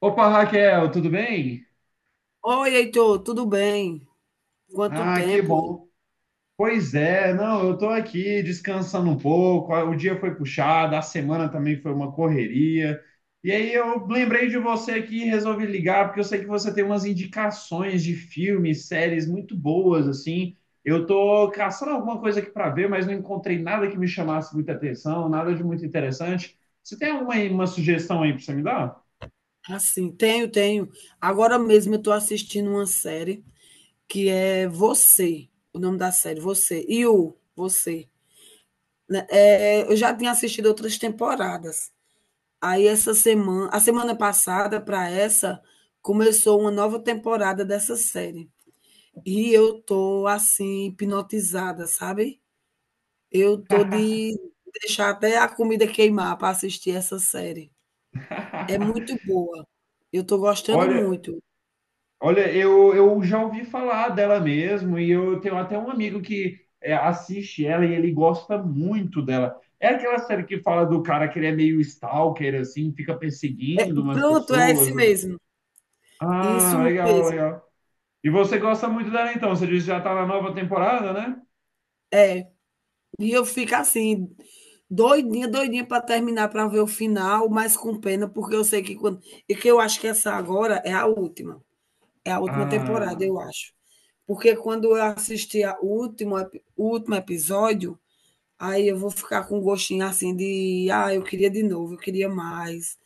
Opa, Raquel, tudo bem? Oi, Heitor, tudo bem? Quanto Ah, que tempo, hein? bom. Pois é, não, eu tô aqui descansando um pouco. O dia foi puxado, a semana também foi uma correria. E aí eu lembrei de você aqui e resolvi ligar, porque eu sei que você tem umas indicações de filmes, séries muito boas, assim. Eu tô caçando alguma coisa aqui para ver, mas não encontrei nada que me chamasse muita atenção, nada de muito interessante. Você tem alguma uma sugestão aí para você me dar? Assim, tenho. Agora mesmo eu estou assistindo uma série que é Você, o nome da série, Você, e o Você, né? É, eu já tinha assistido outras temporadas. Aí essa semana, a semana passada para essa, começou uma nova temporada dessa série. E eu tô assim hipnotizada, sabe? Eu tô de deixar até a comida queimar para assistir essa série. É muito boa. Eu estou gostando Olha, muito. Olha, eu já ouvi falar dela mesmo, e eu tenho até um amigo que é, assiste ela e ele gosta muito dela. É aquela série que fala do cara que ele é meio stalker, assim, fica perseguindo umas Pronto, é pessoas. esse mesmo. Isso Ah, legal, mesmo. legal. E você gosta muito dela então? Você disse que já tá na nova temporada, né? E eu fico assim, doidinha, doidinha para terminar, para ver o final, mas com pena, porque eu sei que quando e que eu acho que essa agora é a última temporada, Ah, eu acho. Porque quando eu assistir a último epi o último episódio, aí eu vou ficar com um gostinho assim de: "Ah, eu queria de novo, eu queria mais".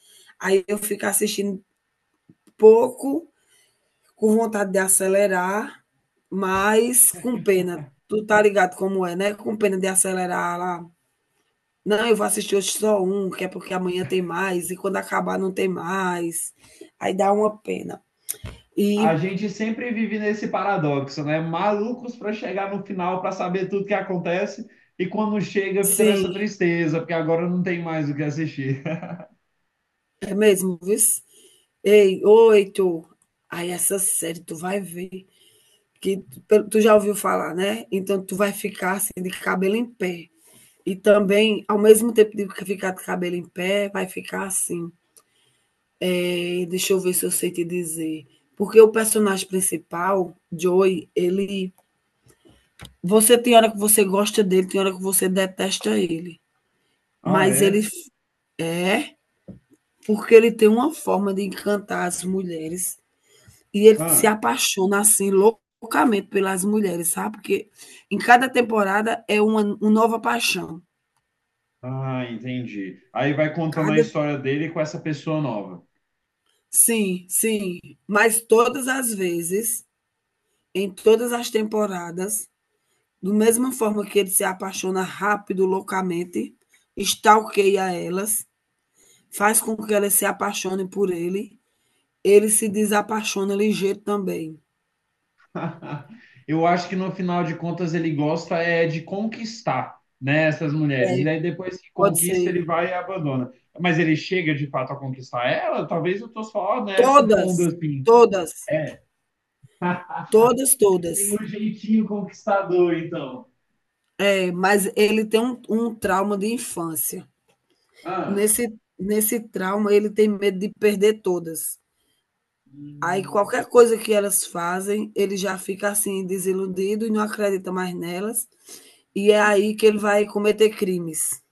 Aí eu fico assistindo pouco com vontade de acelerar, mas com pena. Tu tá ligado como é, né? Com pena de acelerar lá. Não, eu vou assistir hoje só um, que é porque amanhã tem mais, e quando acabar não tem mais. Aí dá uma pena. a E gente sempre vive nesse paradoxo, né? Malucos pra chegar no final pra saber tudo que acontece, e quando chega fica sim, nessa tristeza, porque agora não tem mais o que assistir. é mesmo, viu? Ei, oito. Aí essa série tu vai ver. Que tu já ouviu falar, né? Então tu vai ficar assim de cabelo em pé. E também, ao mesmo tempo de ficar de cabelo em pé, vai ficar assim, é, deixa eu ver se eu sei te dizer. Porque o personagem principal, Joey, ele. Você tem hora que você gosta dele, tem hora que você detesta ele. Ah, Mas é? É porque ele tem uma forma de encantar as mulheres. E ele se Ah, apaixona assim loucamente pelas mulheres, sabe? Porque em cada temporada é uma nova paixão. ah, entendi. Aí vai contando a Cada. história dele com essa pessoa nova. Sim, sim. Mas todas as vezes, em todas as temporadas, do mesma forma que ele se apaixona rápido, loucamente, stalkeia elas, faz com que elas se apaixonem por ele, ele se desapaixona ligeiro também. Eu acho que no final de contas ele gosta é de conquistar, né, essas mulheres. E É, aí depois que pode conquista ser. ele vai e abandona. Mas ele chega de fato a conquistar ela? Talvez eu tô só, né, supondo Todas, assim. todas, todas, Tem todas. um jeitinho conquistador, então. É, mas ele tem um trauma de infância. Ah, Nesse trauma, ele tem medo de perder todas. Aí hum, qualquer coisa que elas fazem, ele já fica assim desiludido e não acredita mais nelas, e é aí que ele vai cometer crimes.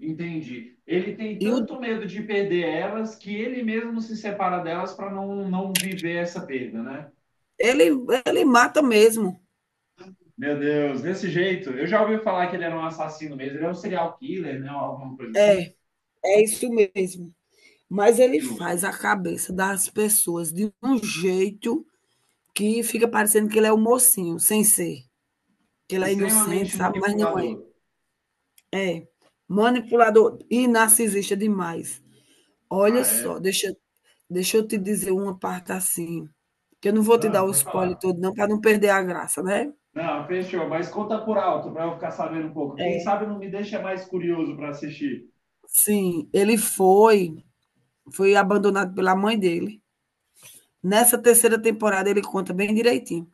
entendi. Ele tem E o tanto medo de perder elas que ele mesmo se separa delas para não viver essa perda, né? ele ele mata mesmo. Meu Deus, desse jeito. Eu já ouvi falar que ele era um assassino mesmo. Ele era um serial killer, né? Alguma coisa assim. É, é isso mesmo. Mas ele Que faz loucura. a cabeça das pessoas de um jeito que fica parecendo que ele é o mocinho, sem ser, que ele é inocente, Extremamente sabe, mas não é. manipulador. É, manipulador e narcisista demais. Olha Ah, é. só, deixa eu te dizer uma parte, assim, que eu não vou te Ah, dar o pode spoiler falar. todo não, para não perder a graça, né. Não, fechou. Mas conta por alto para eu ficar sabendo um pouco. Quem É. sabe não me deixa mais curioso para assistir. Sim, ele foi foi abandonado pela mãe dele. Nessa terceira temporada ele conta bem direitinho.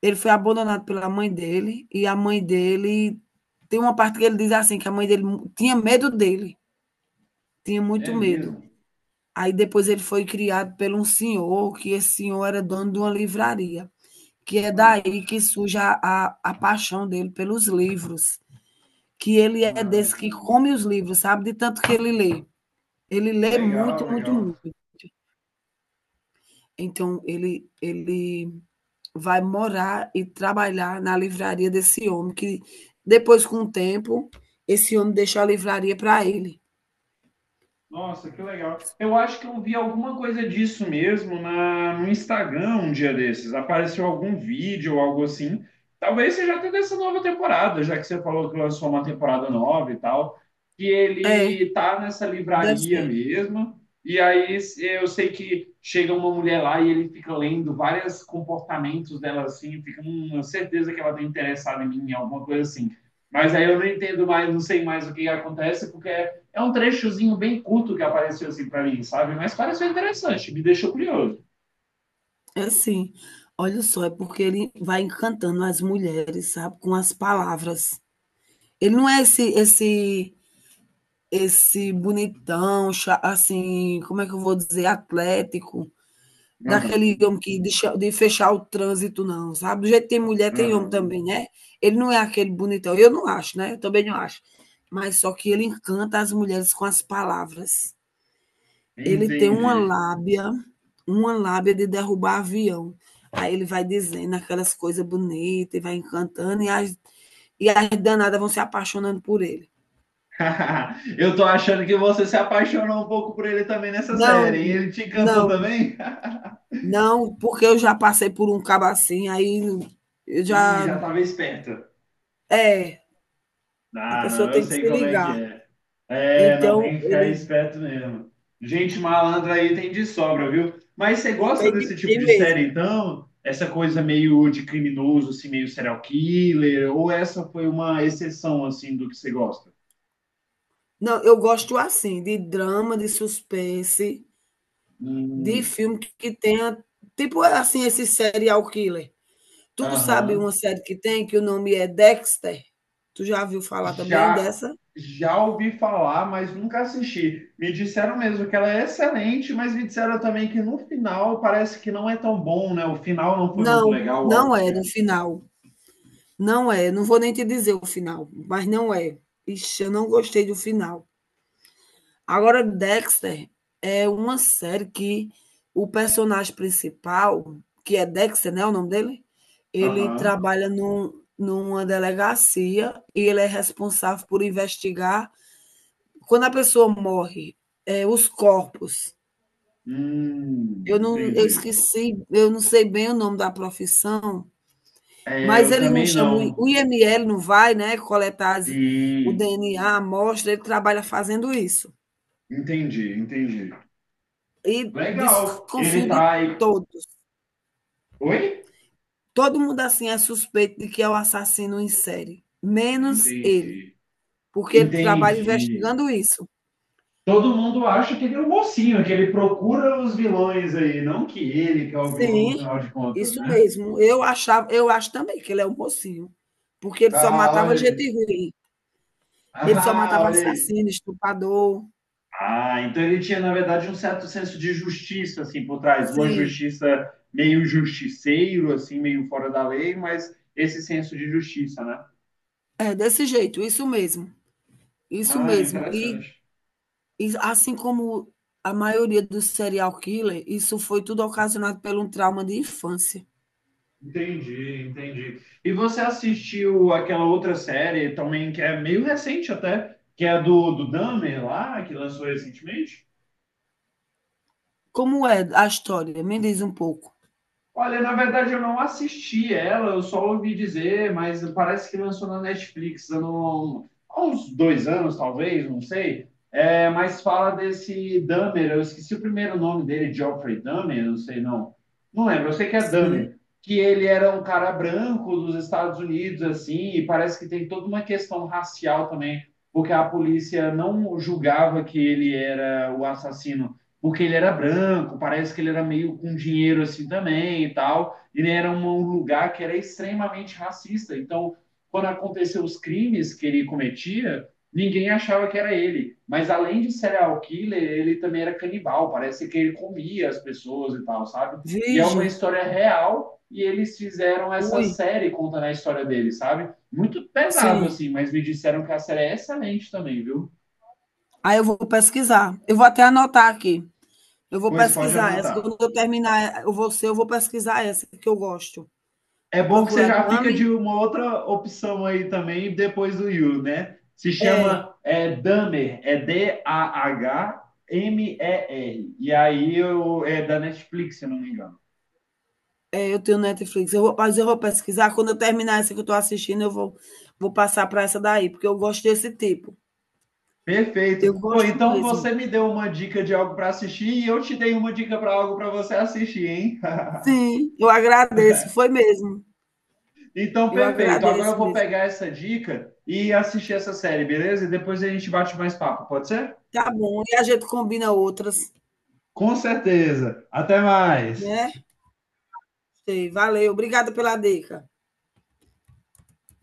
Ele foi abandonado pela mãe dele e a mãe dele tem uma parte que ele diz assim, que a mãe dele mu tinha medo dele, tinha muito É medo. mesmo. Aí depois ele foi criado pelo um senhor, que esse senhor era dono de uma livraria, que é Ah, daí que surge a paixão dele pelos livros, que ele é ah, desse que come os livros, sabe? De tanto que ele lê. Ele lê muito, legal, muito, legal. muito. Então, ele vai morar e trabalhar na livraria desse homem, que depois, com o tempo, esse homem deixou a livraria para ele. Nossa, que legal. Eu acho que eu vi alguma coisa disso mesmo na, no Instagram um dia desses. Apareceu algum vídeo ou algo assim. Talvez seja até dessa nova temporada, já que você falou que lançou uma temporada nova e tal, que É, ele tá nessa deve livraria ser. mesmo. E aí eu sei que chega uma mulher lá e ele fica lendo vários comportamentos dela assim, fica eu certeza que ela tá interessada em mim, alguma coisa assim. Mas aí eu não entendo mais, não sei mais o que acontece, porque é um trechozinho bem curto que apareceu assim para mim, sabe? Mas pareceu interessante, me deixou curioso. É assim. Olha só, é porque ele vai encantando as mulheres, sabe? Com as palavras. Ele não é esse bonitão, assim, como é que eu vou dizer, atlético, Aham, daquele homem de fechar o trânsito, não, sabe? Do jeito que tem mulher, tem homem aham. também, né? Ele não é aquele bonitão, eu não acho, né? Eu também não acho. Mas só que ele encanta as mulheres com as palavras. Ele tem Entendi. Uma lábia de derrubar avião. Aí ele vai dizendo aquelas coisas bonitas e vai encantando, e as danadas vão se apaixonando por ele. Eu tô achando que você se apaixonou um pouco por ele também nessa Não, série. E ele te encantou não, também? não, porque eu já passei por um cabo assim, aí eu Ih, já. já estava esperto. É, a Ah, pessoa não, eu tem que sei se como é que ligar. é. É, não Então, tem que ficar esperto mesmo. Gente malandra aí tem de sobra, viu? Mas você gosta desse tipo tem de série, mesmo. então? Essa coisa meio de criminoso, assim, meio serial killer, ou essa foi uma exceção, assim, do que você gosta? Não, eu gosto assim, de drama, de suspense, de Hum, filme que tenha. Tipo assim, esse serial killer. Tu sabe aham. uma série que tem que o nome é Dexter? Tu já viu falar também Já, dessa? já ouvi falar, mas nunca assisti. Me disseram mesmo que ela é excelente, mas me disseram também que no final parece que não é tão bom, né? O final não foi muito Não, legal, algo do não é no tipo. final. Não é. Não vou nem te dizer o final, mas não é. Ixi, eu não gostei do final. Agora, Dexter é uma série que o personagem principal, que é Dexter, né, o nome dele, ele Aham. trabalha num, numa delegacia e ele é responsável por investigar quando a pessoa morre, é, os corpos. Eu Entendi. esqueci, eu não sei bem o nome da profissão, É, mas eu ele não também chama não. o IML, não vai, né, coletar o Sim, DNA, a amostra, ele trabalha fazendo isso. entendi. E Legal. desconfio Ele de tá aí. todos. Oi? Todo mundo assim é suspeito de que é o assassino em série, Ah, menos ele, entendi. porque ele trabalha Entendi. investigando isso. Todo mundo acha que ele é o mocinho, que ele procura os vilões aí, não que ele que é o vilão no Sim, final de contas, isso né? mesmo. Eu acho também que ele é um mocinho, porque ele só Ah, olha matava gente aí. ruim. Ele só Ah, matava olha aí. assassino, estuprador. Ah, então ele tinha, na verdade, um certo senso de justiça, assim, por trás. Uma Sim, justiça meio justiceiro, assim, meio fora da lei, mas esse senso de justiça, né? é desse jeito, isso mesmo. Isso Ah, mesmo. E, interessante. e assim como a maioria dos serial killer, isso foi tudo ocasionado pelo trauma de infância. Entendi. E você assistiu aquela outra série também, que é meio recente até, que é a do, do Dahmer lá, que lançou recentemente? Como é a história? Me diz um pouco. Olha, na verdade eu não assisti ela, eu só ouvi dizer, mas parece que lançou na Netflix há uns dois anos, talvez, não sei. É, mas fala desse Dahmer, eu esqueci o primeiro nome dele, Geoffrey Dahmer, não sei não. Não lembro, eu sei que é Sim. Dahmer, que ele era um cara branco dos Estados Unidos, assim, e parece que tem toda uma questão racial também, porque a polícia não julgava que ele era o assassino porque ele era branco, parece que ele era meio com dinheiro assim também e tal. Ele era um lugar que era extremamente racista. Então, quando aconteceu os crimes que ele cometia, ninguém achava que era ele. Mas além de serial killer, ele também era canibal. Parece que ele comia as pessoas e tal, sabe? E é uma Vige, história real e eles fizeram essa ui, série contando a história dele, sabe? Muito pesado sim. assim, mas me disseram que a série é excelente também, viu? Aí eu vou pesquisar. Eu vou até anotar aqui. Eu vou Pois pode pesquisar essa. anotar. Quando eu terminar eu vou ser. Eu vou pesquisar essa que eu gosto. É Vou bom que você procurar já fica de Dummy. uma outra opção aí também, depois do you, né? Se É, chama é, Dahmer, é Dahmer. E R. E aí eu, é da Netflix, se não me engano. é, eu tenho Netflix. Eu vou, mas eu vou pesquisar. Quando eu terminar essa que eu estou assistindo, vou passar para essa daí, porque eu gosto desse tipo. Eu Perfeito. Pô, gosto então mesmo. você me deu uma dica de algo para assistir e eu te dei uma dica para algo para você assistir, hein? Sim, eu agradeço. Foi mesmo. então, Eu perfeito. Agora eu agradeço vou mesmo. pegar essa dica e assistir essa série, beleza? E depois a gente bate mais papo, pode ser? Tá bom. E a gente combina outras, Com certeza. Até mais. né? Sei, valeu. Obrigada pela dica.